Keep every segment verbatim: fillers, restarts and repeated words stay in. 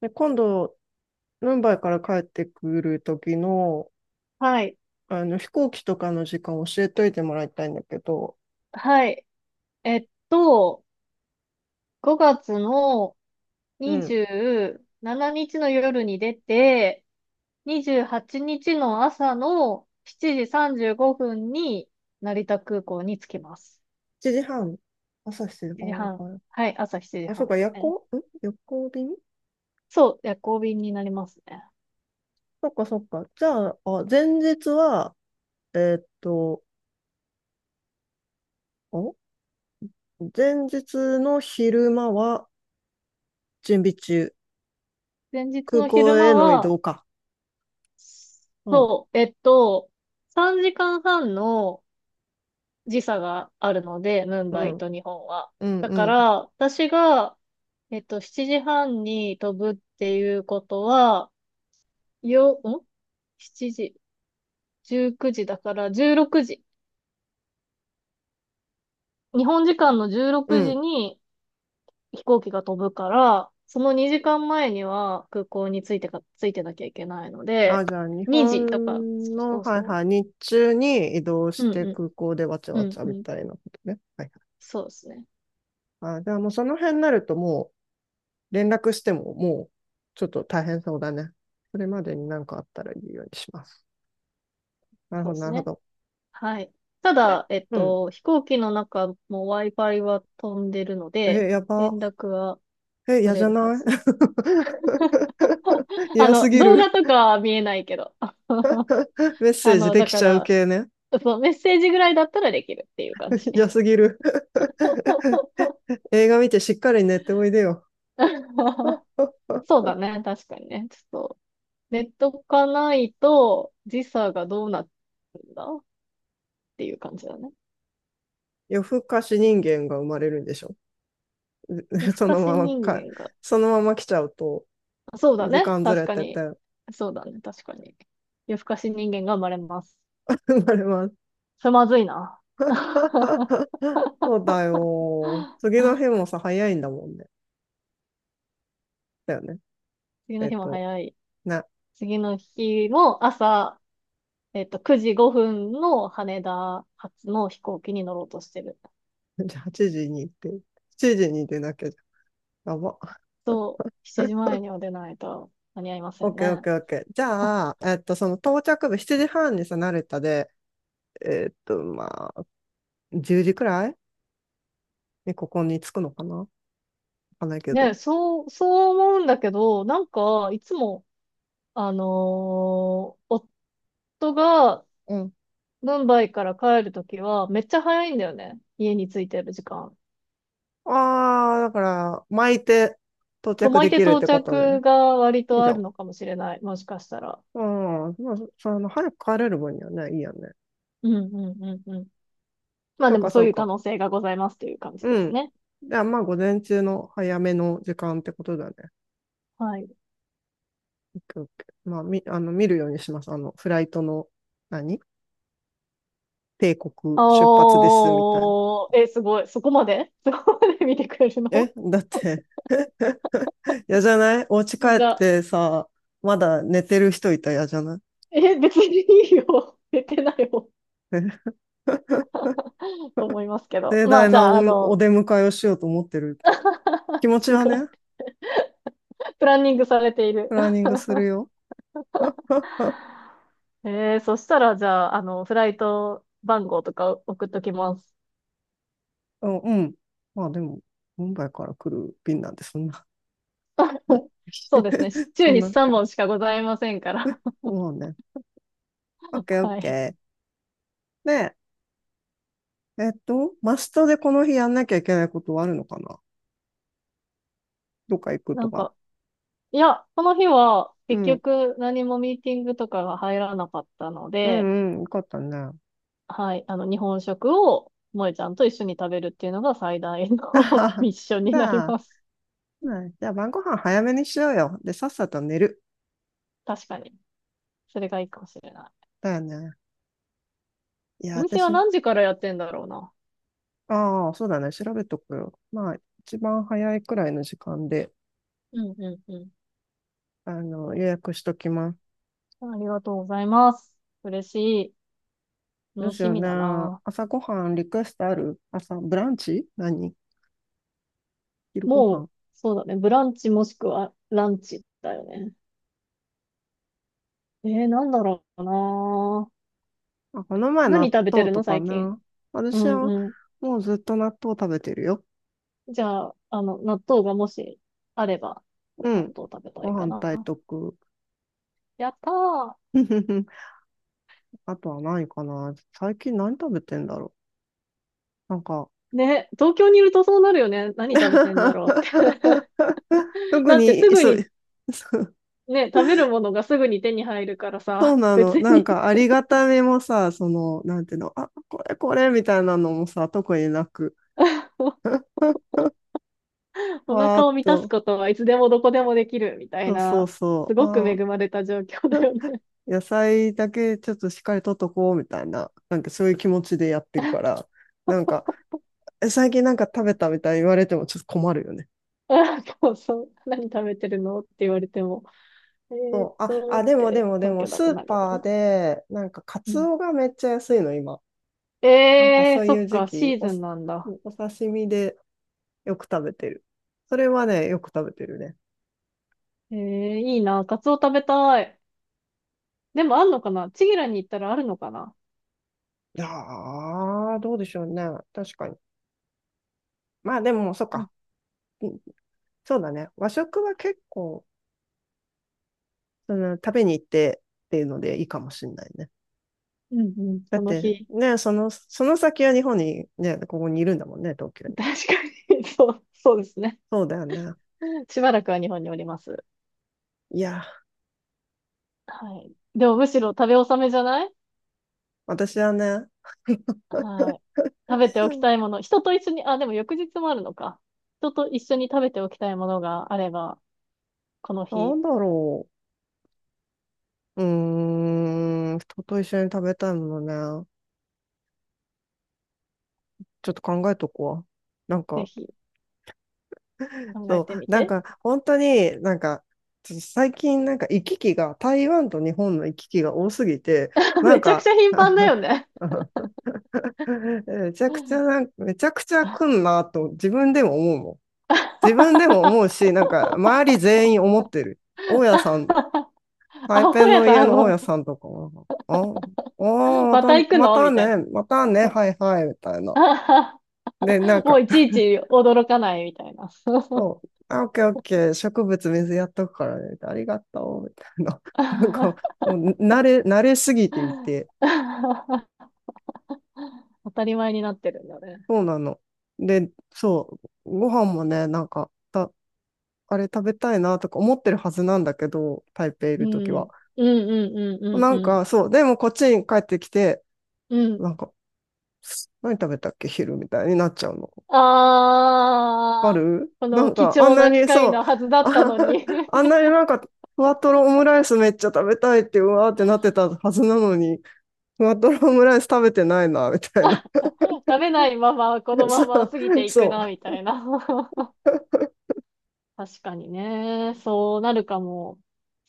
で、今度、ムンバイから帰ってくる時の、はい。あの、飛行機とかの時間教えといてもらいたいんだけど。はい。えっと、ごがつのうん。にじゅうしちにちの夜に出て、にじゅうはちにちの朝のしちじさんじゅうごふんに成田空港に着きます。しちじはん、朝してあ7あ、時半。はい。はい、朝7あ、そ時っ半か、です夜ね。行、ん夜行便。そう、夜行便になりますね。そっか、そっか。じゃあ、あ、前日は、えーっと、お前日の昼間は準備中。前日空の昼港間への移は、動か。うん、そう、えっと、さんじかんはんの時差があるので、ムンうバイん、と日本は。うん、だうかん、ら、私が、えっと、しちじはんに飛ぶっていうことは、よ、ん ?しち 時、じゅうくじだからじゅうろくじ。日本時間の16う時ん。に飛行機が飛ぶから、そのにじかんまえには空港に着いてか、着いてなきゃいけないのあ、で、じゃあ、日にじとか、本そうの、そうはいそはい、日中に移動しう。うんてうん。空港でわちゃうわちんゃうみん。たいなことね。はいそうですね。はい。あ、じゃあ、もうその辺になるともう連絡してももうちょっと大変そうだね。それまでに何かあったら言うようにします。なるそほうでど、なするほね。ど。はい。たで、だ、えっうん。と、飛行機の中も Wi-Fi は飛んでるのえ、で、や連ば。絡はえ、嫌取じれゃるはない？ ず。あ嫌すの、ぎ動る。画とかは見えないけど。メッセあージの、でだきかちゃうら、系ね。そう、メッセージぐらいだったらできるっていう感じ。嫌すぎる。映画見てしっかり寝ておいでよ。そうだね、確かにね。ちょっと、ネットかないと時差がどうなるんだっていう感じだね。夜更かし人間が生まれるんでしょ？ 夜 更そかのしまま人か、間が、そのまま来ちゃうと、そうだ時ね、間ず確れかてに。て、そうだね、確かに。夜更かし人間が生まれます。生まれます。それまずいな。そうだよ。次の日もさ、早いんだもんね。だよね。次えのっ日もと、早い。ね。次の日も朝、えっと、くじごふんの羽田発の飛行機に乗ろうとしてる。じゃあはちじに行って、時に出なきゃじゃん。やば。そう、しちじまえには出ないと間に合いまオせッんケーオッね。ケーオッケー。じ あゃあ、えっと、その到着部しちじはんにさ、成田で、えっと、まあ、じゅうじくらいにここに着くのかな、わかんないけねど。え、そう、そう思うんだけど、なんか、いつも、あのー夫がうん。ムンバイから帰るときは、めっちゃ早いんだよね。家に着いてる時間。ああ、だから、巻いて到そう、着巻でいてきるっ到てことね。着が割いいとじあゃるん。のかもしれない。もしかしたら。ああ、まあ、そあの、早く帰れる分にはね、いいよね。うんうんうんうん。まあそうでもか、そそうういう可か。能性がございますという感じうですん。ね。じゃあ、まあ、午前中の早めの時間ってことだね。はい。オッケーオッケー。まあ、み、あの、見るようにします。あの、フライトの、何帝国出発であす、みたいな。ー、え、すごい。そこまで そこまで見てくれるの？え、だって、嫌じゃない？お家帰っじゃあ、てさ、まだ寝てる人いたら嫌じゃない？え、別にいいよ。寝てないよ。え。 と思いますけど。盛ま大あじなゃお、あ、あおの、出迎えをしようと思ってる。気持ちすはごい。ね、プランニングされていプる。ランニングするよ。えー、そしたらじゃあ、あの、フライト番号とか送っときます。うん、うん。まあでも、ムンバイから来る便なんで、そんな、 そうですね。週そんにな。さんぼんしかございませんから。そうね。オッ ケーオッはケい。ー。で、えっと、マストでこの日やんなきゃいけないことはあるのかな？どっか行くなとんか。か、いや、この日はう結ん、局何もミーティングとかが入らなかったのうで、んうん、よかったね。はい、あの、日本食を萌えちゃんと一緒に食べるっていうのが最大あはの は。ミッションにじなりゃあ、ます。ね、じゃあ晩ご飯早めにしようよ。で、さっさと寝る。確かに。それがいいかもしれない。だよね。いや、お店は私、何時からやってんだろうな。ああ、そうだね。調べとくよ。まあ、一番早いくらいの時間で、うんうんうあの、予約しときます。ん。ありがとうございます。嬉しい。どう楽ししようみね。だな。朝ごはんリクエストある？朝、ブランチ、何、昼ごはもう、ん。そうだね。ブランチもしくはランチだよね。えー、なんだろうな。あ、この前何納食べて豆るとの、か最近。な。う私はんうもうずっと納豆食べてるよ。ん。じゃあ、あの、納豆がもしあれば、う納ん。豆食べたごいか飯な。炊いとく。やったー。あとは何かな。最近何食べてんだろう。なんか ね、東京にいるとそうなるよね。何食べてんだろうって。特だってすに、ぐそう、に、そう。ね、食べるものがすぐに手に入るからそうさ、な別の。なんに かありがたみもさ、その、なんていうの、あ、これこれみたいなのもさ、特になく。おわー腹っを満たすと。ことはいつでもどこでもできるみたいそうそうな、そすう。ごくあ恵ー、まれた状況だよね。野菜だけちょっとしっかりとっとこうみたいな、なんかそういう気持ちでやってるから、なんか、え、最近なんか食べたみたいに言われてもちょっと困るよね。あ、そうそう。何食べてるのって言われても。えーっそう、あ、と、あ、っでもでてもで東も、京だスとーなるパのーね。で、なんかカうツん。オがめっちゃ安いの、今。なんかえそー、うそいっう時か、期、シーお、ズンなんだ。お刺身でよく食べてる。それはね、よく食べてるね。えー、いいな、カツオ食べたい。でもあんのかな？チギラに行ったらあるのかな？いやー、どうでしょうね。確かに。まあでも、そっうんか。うん。そうだね。和食は結構、その、食べに行ってっていうのでいいかもしれないね。うんうん、だそっのて日。ね、その、その先は日本にね、ここにいるんだもんね、東京 に。確かに、そう、そうですね。そうだよね。しばらくは日本におります。いや、はい。でもむしろ食べ納めじゃない？私はね、はい。食べておきたい もの。人と一緒に、あ、でも翌日もあるのか。人と一緒に食べておきたいものがあれば、このな日、んだろう。うーん、人と一緒に食べたいものね。ちょっと考えとこわ。なんぜか、ひ考えそてう、みなんて。か、本当に、なんか、ちょっと最近、なんか行き来が、台湾と日本の行き来が多すぎて、なんめちゃくちか、ゃ頻繁だよ ね。めち ゃくちゃあ、なん、めちゃくちゃ来んなと自分でも思うもん。自分でも思うし、なんか、周り全員思ってる。大家さん、台北本屋のさん、家あの大家の、さんとかも、あ、あー、ままた、た行くまのたみたいね、な。またね、はいはい、みたい な。あで、なんもうか、いちい ち驚かないみたいな。そう、あ、オッケーオッケー、植物水やっとくからね、ありがとう、みたいな。なんか、もう慣れ、慣れすぎていて、当たり前になってるんだね。そうなの。で、そう、ご飯もね、なんか、た、あれ食べたいなとか思ってるはずなんだけど、台北いうるときん。は。うんうんうんうなんんうん。か、そう、でもこっちに帰ってきて、うん。なんか、何食べたっけ昼みたいになっちゃうの。あああ、るこなのん貴か、あん重なな機に会そう、のはずだったあ、の に あんなになんか、ふわとろオムライスめっちゃ食べたいって、うわーってなってたはずなのに、ふわとろオムライス食べてないな、みたいな。食べないままこの そままう、過ぎていくそな、みたいな。確かにね。そうなるかも。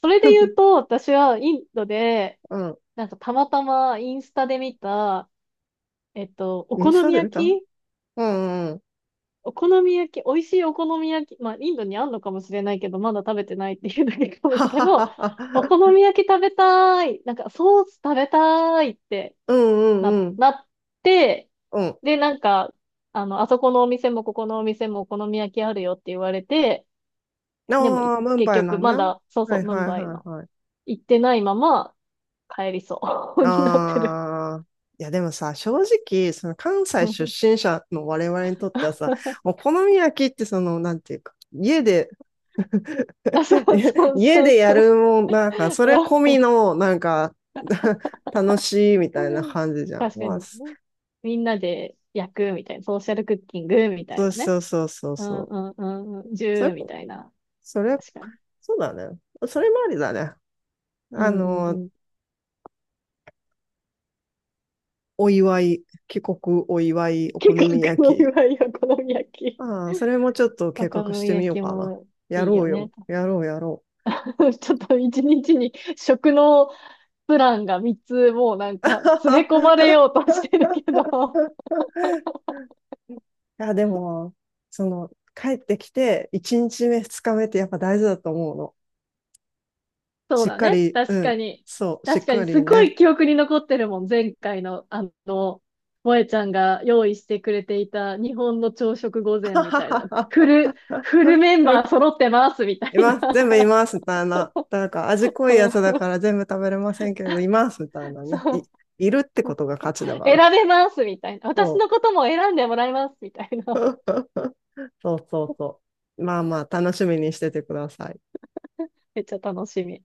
それで言う。うと、私はインドで、なんかたまたまインスタで見た、えっと、おうん。イン好スタみで見た。焼きうんうん。お好み焼き、美味しいお好み焼き、まあ、インドにあんのかもしれないけど、まだ食べてないっていうだけかもだはけはど、はお好は。み焼き食べたい、なんかソース食べたいってうんな、うんうん。なって、うん。で、なんか、あの、あそこのお店もここのお店もお好み焼きあるよって言われて、でもああ、ムン結バイな局んね。まだ、そうはそう、いムンはいバイはのいはい。行ってないまま帰りそう になってる。ああ、いやでもさ、正直、その関西 出身者の我々にとってはさ、お好み焼きってその、なんていうか、家で、あ、そ うそう家そうでやそるう。もん、なんか、それ込みの、なんか、楽しいみたいな 感じじゃん。確かまあ、にそ、ね。みんなで焼くみたいな、ソーシャルクッキングみたいそうなね。そうそうそううそんう。うんうんうん、ジそれ、ューみたいな。それ、確かに。そうだね。それもありだね。うあんうんの、うん。お祝い、帰国お祝い、お好結み構黒い焼き。わよ、お好み焼き。ああ、それもちょっとお計好画しみてみ焼ようきかな。もやいいろようよ。ね。やろう、やろ ちょっと一日に食のプランがみっつもうなんう。か詰め込まれようとしてる けど。いや、でも、その、帰ってきて、いちにちめ、ふつかめってやっぱ大事だと思うの。そうしっだかね。り、う確ん、かに。そう、しっ確かに、かすりごね。い記憶に残ってるもん。前回の、あの、萌えちゃんが用意してくれていた日本の朝食御膳みたいな。フ ル、フルメンバー揃ってますみたいいます、全部いな。ます、みたいな。なんか味 濃ういやつだかんら全部食べれませんけど、います、みたいなそね。い、う。いるってことが価値だから。選べますみたいな。私そのことも選んでもらいますみたいう。な。そうそうそう。まあまあ、楽しみにしててください。めっちゃ楽しみ。